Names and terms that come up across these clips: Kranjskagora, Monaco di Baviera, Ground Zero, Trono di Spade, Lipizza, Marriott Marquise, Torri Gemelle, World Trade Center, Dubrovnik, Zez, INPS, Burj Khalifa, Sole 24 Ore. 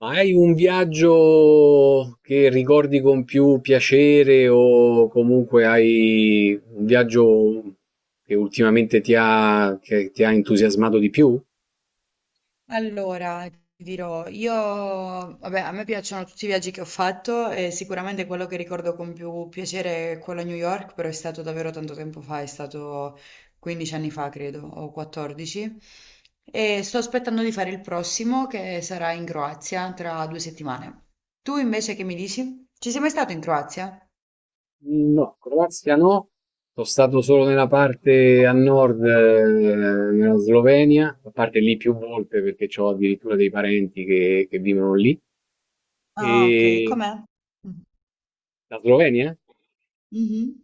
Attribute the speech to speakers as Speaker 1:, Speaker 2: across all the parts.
Speaker 1: Ma hai un viaggio che ricordi con più piacere o comunque hai un viaggio che ultimamente che ti ha entusiasmato di più?
Speaker 2: Allora, ti dirò, io, vabbè, a me piacciono tutti i viaggi che ho fatto e sicuramente quello che ricordo con più piacere è quello a New York, però è stato davvero tanto tempo fa, è stato 15 anni fa, credo, o 14. E sto aspettando di fare il prossimo che sarà in Croazia tra due settimane. Tu invece che mi dici? Ci sei mai stato in Croazia?
Speaker 1: No, Croazia no. Sono stato solo nella parte a nord, nella Slovenia, a parte lì più volte perché ho addirittura dei parenti che vivono lì.
Speaker 2: Ah, ok,
Speaker 1: E
Speaker 2: com'è? Mm.
Speaker 1: la Slovenia?
Speaker 2: Mhm.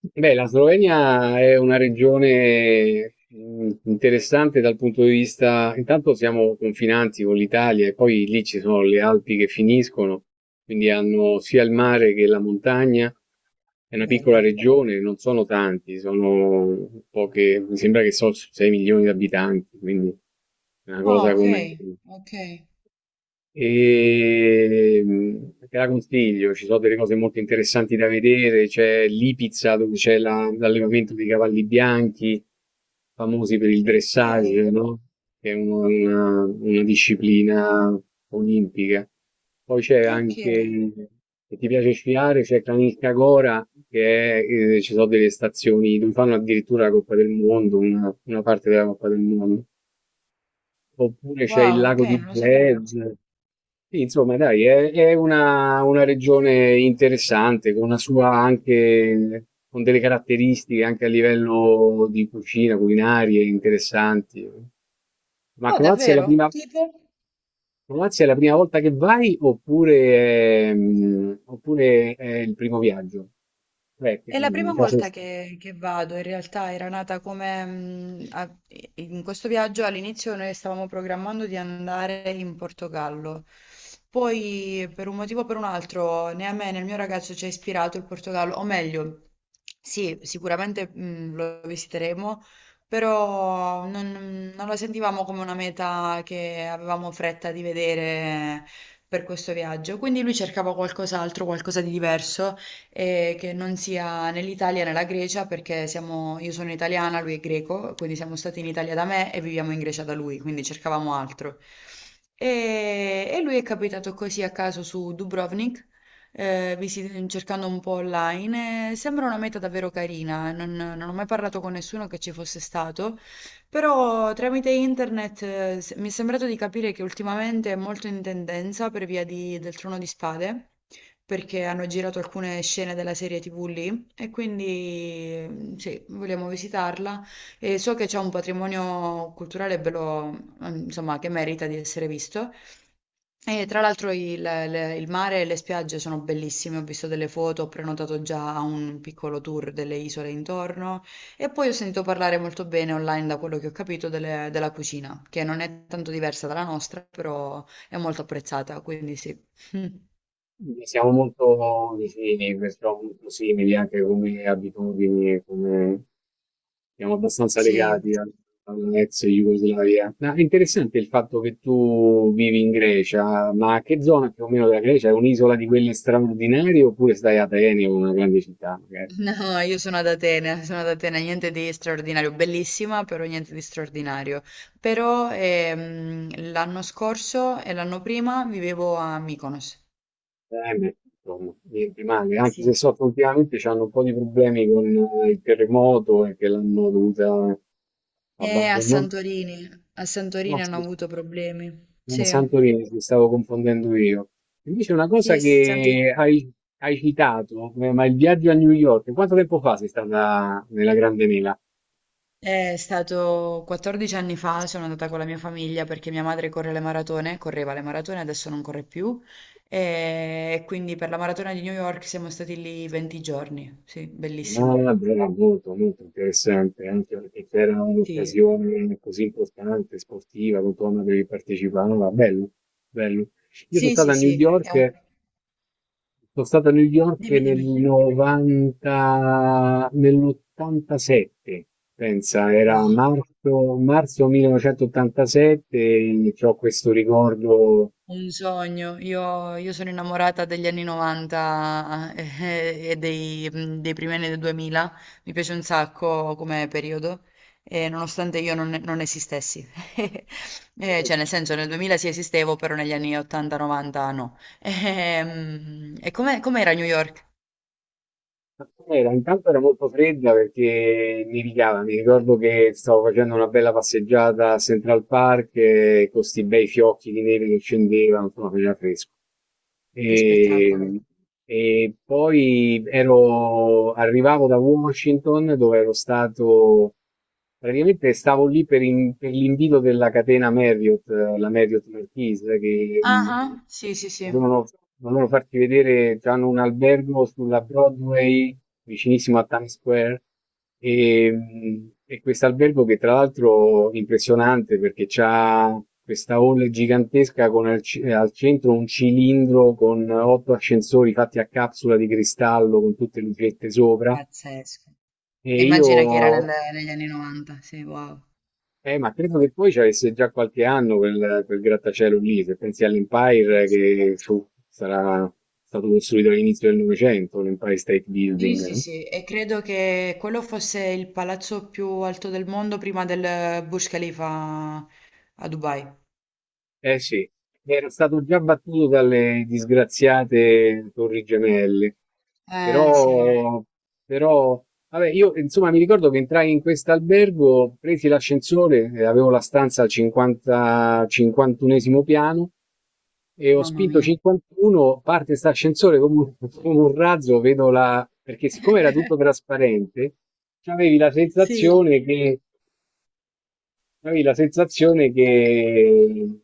Speaker 1: Beh, la Slovenia è una regione interessante dal punto di vista, intanto siamo confinanti con l'Italia e poi lì ci sono le Alpi che finiscono, quindi hanno sia il mare che la montagna. È una piccola
Speaker 2: Bello.
Speaker 1: regione, non sono tanti, sono poche, mi sembra che sono 6 milioni di abitanti, quindi è una
Speaker 2: Ah,
Speaker 1: cosa
Speaker 2: ok,
Speaker 1: come
Speaker 2: ok.
Speaker 1: te la consiglio, ci sono delle cose molto interessanti da vedere. C'è Lipizza dove c'è l'allevamento dei cavalli bianchi, famosi per il
Speaker 2: Ok,
Speaker 1: dressage, no? Che è una disciplina olimpica. Poi c'è
Speaker 2: ok.
Speaker 1: anche, se ti piace sciare, c'è Kranjskagora, che è, ci sono delle stazioni dove fanno addirittura la Coppa del Mondo, una parte della Coppa del Mondo. Oppure c'è
Speaker 2: Wow,
Speaker 1: il
Speaker 2: ok,
Speaker 1: lago di
Speaker 2: non lo sapevo.
Speaker 1: Zez. Sì, insomma, dai, è una regione interessante, con una sua anche, con delle caratteristiche anche a livello di cucina, culinarie interessanti. Ma
Speaker 2: Oh,
Speaker 1: Croazia è la
Speaker 2: davvero?
Speaker 1: prima,
Speaker 2: Tipo?
Speaker 1: Croazia è la prima volta che vai oppure, oppure è il primo viaggio? Beh,
Speaker 2: È la prima
Speaker 1: già sei
Speaker 2: volta
Speaker 1: stato.
Speaker 2: che, vado, in realtà era nata come in questo viaggio all'inizio noi stavamo programmando di andare in Portogallo, poi per un motivo o per un altro né a me né al mio ragazzo ci ha ispirato il Portogallo, o meglio, sì, sicuramente lo visiteremo, però non la sentivamo come una meta che avevamo fretta di vedere per questo viaggio, quindi lui cercava qualcos'altro, qualcosa di diverso e che non sia né l'Italia né la Grecia perché siamo, io sono italiana, lui è greco, quindi siamo stati in Italia da me e viviamo in Grecia da lui, quindi cercavamo altro. E lui è capitato così a caso su Dubrovnik, cercando un po' online. E sembra una meta davvero carina, non ho mai parlato con nessuno che ci fosse stato, però tramite internet, mi è sembrato di capire che ultimamente è molto in tendenza per via del Trono di Spade perché hanno girato alcune scene della serie TV lì e quindi sì, vogliamo visitarla e so che c'è un patrimonio culturale bello, mm, insomma, che merita di essere visto. E tra l'altro il mare e le spiagge sono bellissime, ho visto delle foto, ho prenotato già un piccolo tour delle isole intorno e poi ho sentito parlare molto bene online da quello che ho capito della cucina, che non è tanto diversa dalla nostra, però è molto apprezzata, quindi sì.
Speaker 1: Quindi siamo molto vicini, perciò molto simili anche come abitudini, e come... siamo abbastanza
Speaker 2: Sì.
Speaker 1: legati all'ex Jugoslavia. Ma è interessante il fatto che tu vivi in Grecia, ma che zona più o meno della Grecia? È un'isola di quelle straordinarie oppure stai a Atene o una grande città, magari?
Speaker 2: No, io sono ad Atene, niente di straordinario, bellissima, però niente di straordinario. Però l'anno scorso e l'anno prima vivevo a Mykonos.
Speaker 1: Atene, insomma, niente male, anche se
Speaker 2: Sì,
Speaker 1: so che ultimamente hanno un po' di problemi con il terremoto e che l'hanno dovuta
Speaker 2: e a
Speaker 1: abbandonare.
Speaker 2: Santorini. A
Speaker 1: No,
Speaker 2: Santorini hanno
Speaker 1: sì.
Speaker 2: avuto problemi.
Speaker 1: Ah,
Speaker 2: Sì,
Speaker 1: Santorini, mi stavo confondendo io. Invece una cosa
Speaker 2: sì, Santorini.
Speaker 1: hai citato, ma il viaggio a New York, quanto tempo fa sei stata nella Grande Mela?
Speaker 2: È stato 14 anni fa, sono andata con la mia famiglia perché mia madre corre le maratone, correva le maratone, adesso non corre più. E quindi per la maratona di New York siamo stati lì 20 giorni. Sì, bellissimo.
Speaker 1: Ah, bella, molto, molto interessante, anche perché c'era
Speaker 2: Sì,
Speaker 1: un'occasione così importante, sportiva, con cui dovevi partecipare, no, bello, bello. Io sono
Speaker 2: sì,
Speaker 1: stato
Speaker 2: sì,
Speaker 1: a New
Speaker 2: sì. È un...
Speaker 1: York Sono stato a New York
Speaker 2: Dimmi,
Speaker 1: nel
Speaker 2: dimmi.
Speaker 1: 90, nell'87, pensa, era
Speaker 2: Wow.
Speaker 1: marzo, marzo 1987 e ho questo ricordo.
Speaker 2: Un sogno, io sono innamorata degli anni 90, e dei, dei primi anni del 2000, mi piace un sacco come periodo, e nonostante io non, non esistessi, eh, cioè nel senso nel 2000 sì esistevo, però negli anni 80-90 no. E, come com'era New York?
Speaker 1: Ma Era, intanto era molto fredda perché nevicava, mi ricordo che stavo facendo una bella passeggiata a Central Park, con questi bei fiocchi di neve che scendevano, insomma faceva fresco.
Speaker 2: Che spettacolo.
Speaker 1: E, e poi ero, arrivavo da Washington dove ero stato, praticamente stavo lì per l'invito della catena Marriott, la Marriott Marquise, che,
Speaker 2: Ah, ah, sì, sì, sì,
Speaker 1: Volevano volevano farti vedere già in un albergo sulla Broadway, vicinissimo a Times Square, e questo albergo che tra l'altro è impressionante perché c'ha questa hall gigantesca con al centro un cilindro con otto ascensori fatti a capsula di cristallo con tutte le lucette sopra.
Speaker 2: pazzesco. E
Speaker 1: E io
Speaker 2: immagina che era negli anni 90, sì, wow.
Speaker 1: Ma credo che poi ci avesse già qualche anno quel grattacielo lì, se pensi all'Empire
Speaker 2: Sì.
Speaker 1: sarà stato costruito all'inizio del Novecento, l'Empire State
Speaker 2: Sì,
Speaker 1: Building,
Speaker 2: sì,
Speaker 1: no?
Speaker 2: sì, e credo che quello fosse il palazzo più alto del mondo prima del Burj Khalifa a Dubai.
Speaker 1: Eh sì, era stato già battuto dalle disgraziate Torri Gemelle.
Speaker 2: Eh sì,
Speaker 1: Però, però, vabbè, io insomma mi ricordo che entrai in questo albergo, presi l'ascensore, avevo la stanza al 50, 51esimo piano e ho
Speaker 2: mamma
Speaker 1: spinto
Speaker 2: mia.
Speaker 1: 51, parte questo ascensore come un, come un razzo, vedo la... perché siccome era tutto trasparente, avevi la
Speaker 2: Sì.
Speaker 1: sensazione che, avevi la sensazione che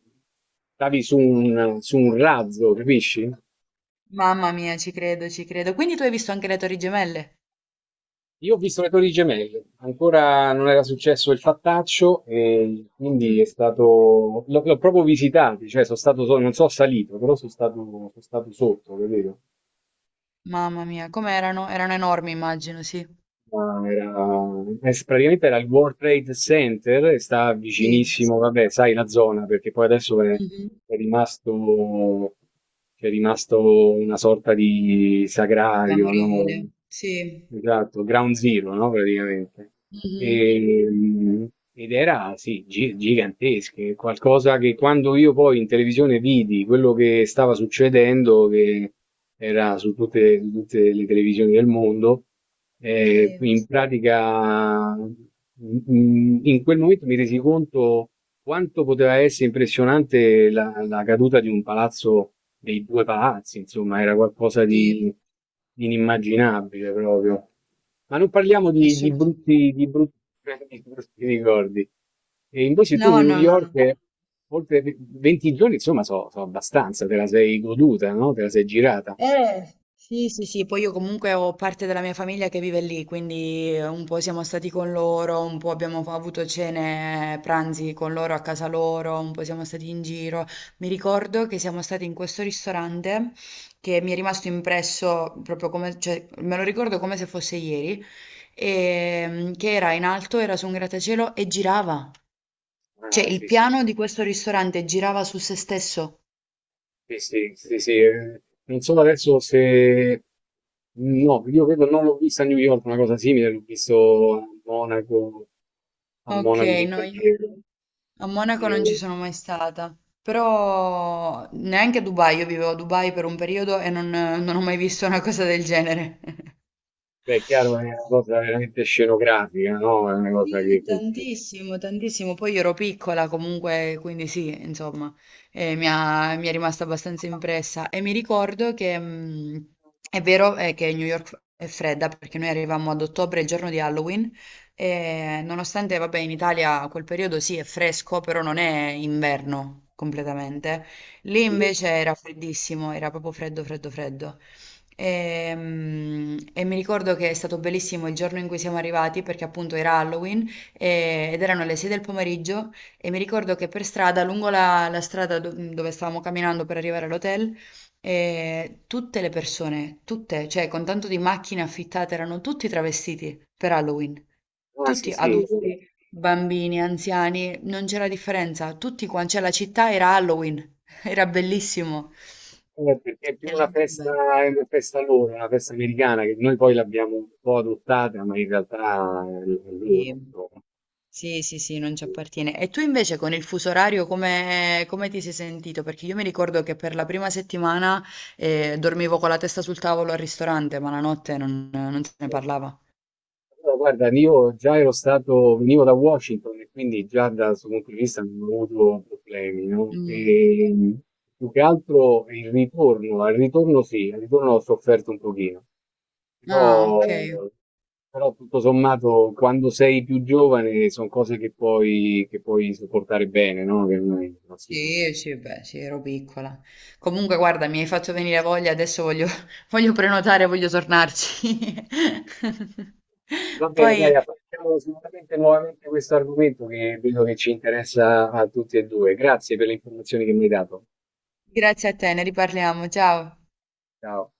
Speaker 1: stavi su un razzo, capisci?
Speaker 2: Mamma mia, ci credo, ci credo. Quindi tu hai visto anche le Torri Gemelle?
Speaker 1: Io ho visto le Torri Gemelle, ancora non era successo il fattaccio e quindi è
Speaker 2: Mm.
Speaker 1: stato... l'ho proprio visitato, cioè sono stato, non sono salito, però sono stato sotto, capito?
Speaker 2: Mamma mia, com'erano? Erano enormi, immagino, sì.
Speaker 1: Ma era s praticamente era il World Trade Center e sta
Speaker 2: Sì.
Speaker 1: vicinissimo, vabbè, sai la zona, perché poi adesso
Speaker 2: Mhm.
Speaker 1: è rimasto, c'è rimasto una sorta di sagrario, no?
Speaker 2: Memoriale. Sì.
Speaker 1: Esatto, Ground Zero, no? Praticamente.
Speaker 2: Mhm.
Speaker 1: E, mm, ed era, sì, gigantesche, qualcosa che quando io poi in televisione vidi quello che stava succedendo, che era su tutte le televisioni del mondo,
Speaker 2: Sì.
Speaker 1: in pratica, in quel momento mi resi conto quanto poteva essere impressionante la caduta di un palazzo, dei due palazzi, insomma, era
Speaker 2: Sì,
Speaker 1: di inimmaginabile proprio. Ma non parliamo
Speaker 2: assolutamente.
Speaker 1: di brutti, di brutti ricordi. E invece tu,
Speaker 2: No,
Speaker 1: New
Speaker 2: no, no, no.
Speaker 1: York, oltre 20 giorni, insomma, so, so abbastanza, te la sei goduta, no? Te la sei girata.
Speaker 2: Sì, sì, sì, poi io comunque ho parte della mia famiglia che vive lì, quindi un po' siamo stati con loro, un po' abbiamo avuto cene, pranzi con loro a casa loro, un po' siamo stati in giro. Mi ricordo che siamo stati in questo ristorante che mi è rimasto impresso proprio come, cioè, me lo ricordo come se fosse ieri, e, che era in alto, era su un grattacielo e girava. Cioè,
Speaker 1: Ah,
Speaker 2: il
Speaker 1: sì, sì.
Speaker 2: piano di questo ristorante girava su se stesso.
Speaker 1: Sì, sì, sì, sì, non so adesso se... No, io credo non l'ho vista a New York, una cosa simile, l'ho visto a
Speaker 2: Ok,
Speaker 1: Monaco di
Speaker 2: no, io...
Speaker 1: Baviera.
Speaker 2: A
Speaker 1: E,
Speaker 2: Monaco non ci sono mai stata, però neanche a Dubai, io vivevo a Dubai per un periodo e non ho mai visto una cosa del genere.
Speaker 1: beh, è chiaro, è una cosa veramente scenografica, no? È una cosa che
Speaker 2: Sì,
Speaker 1: colpisce.
Speaker 2: tantissimo, tantissimo. Poi io ero piccola comunque, quindi sì, insomma, mi è rimasta abbastanza impressa. E mi ricordo che è vero che New York è fredda perché noi arrivavamo ad ottobre, il giorno di Halloween, e nonostante, vabbè, in Italia quel periodo sì è fresco, però non è inverno completamente. Lì
Speaker 1: Sì.
Speaker 2: invece era freddissimo, era proprio freddo, freddo, freddo. Ehm, E, mi ricordo che è stato bellissimo il giorno in cui siamo arrivati perché appunto era Halloween ed erano le 6 del pomeriggio e mi ricordo che per strada, la strada dove stavamo camminando per arrivare all'hotel, tutte le persone, tutte, cioè con tanto di macchine affittate, erano tutti travestiti per Halloween,
Speaker 1: Ah, sì,
Speaker 2: tutti
Speaker 1: sì.
Speaker 2: adulti, bambini, anziani, non c'era differenza, tutti quanti, cioè la città era Halloween, era bellissimo.
Speaker 1: Perché è più
Speaker 2: Era
Speaker 1: una
Speaker 2: davvero
Speaker 1: festa,
Speaker 2: bello.
Speaker 1: è una festa loro, una festa americana, che noi poi l'abbiamo un po' adottata, ma in realtà è loro,
Speaker 2: Sì.
Speaker 1: insomma.
Speaker 2: Sì, sì, sì, non ci appartiene. E tu invece con il fuso orario come, come ti sei sentito? Perché io mi ricordo che per la prima settimana dormivo con la testa sul tavolo al ristorante, ma la notte non se ne parlava.
Speaker 1: Allora, guarda, io già ero stato, venivo da Washington e quindi già da questo punto di vista non ho avuto problemi, no?
Speaker 2: Mm.
Speaker 1: E più che altro il ritorno, al ritorno sì, al ritorno ho sofferto un pochino,
Speaker 2: Ah,
Speaker 1: però,
Speaker 2: ok.
Speaker 1: però tutto sommato quando sei più giovane sono cose che puoi sopportare bene, no? Che non si trova.
Speaker 2: Sì, sì, beh, sì, ero piccola. Comunque, guarda, mi hai fatto venire voglia, adesso voglio, voglio prenotare, voglio tornarci.
Speaker 1: Va bene,
Speaker 2: Poi,
Speaker 1: Chiara, facciamo sicuramente nuovamente questo argomento che vedo che ci interessa a tutti e due. Grazie per le informazioni che mi hai dato.
Speaker 2: grazie a te, ne riparliamo. Ciao.
Speaker 1: Ciao.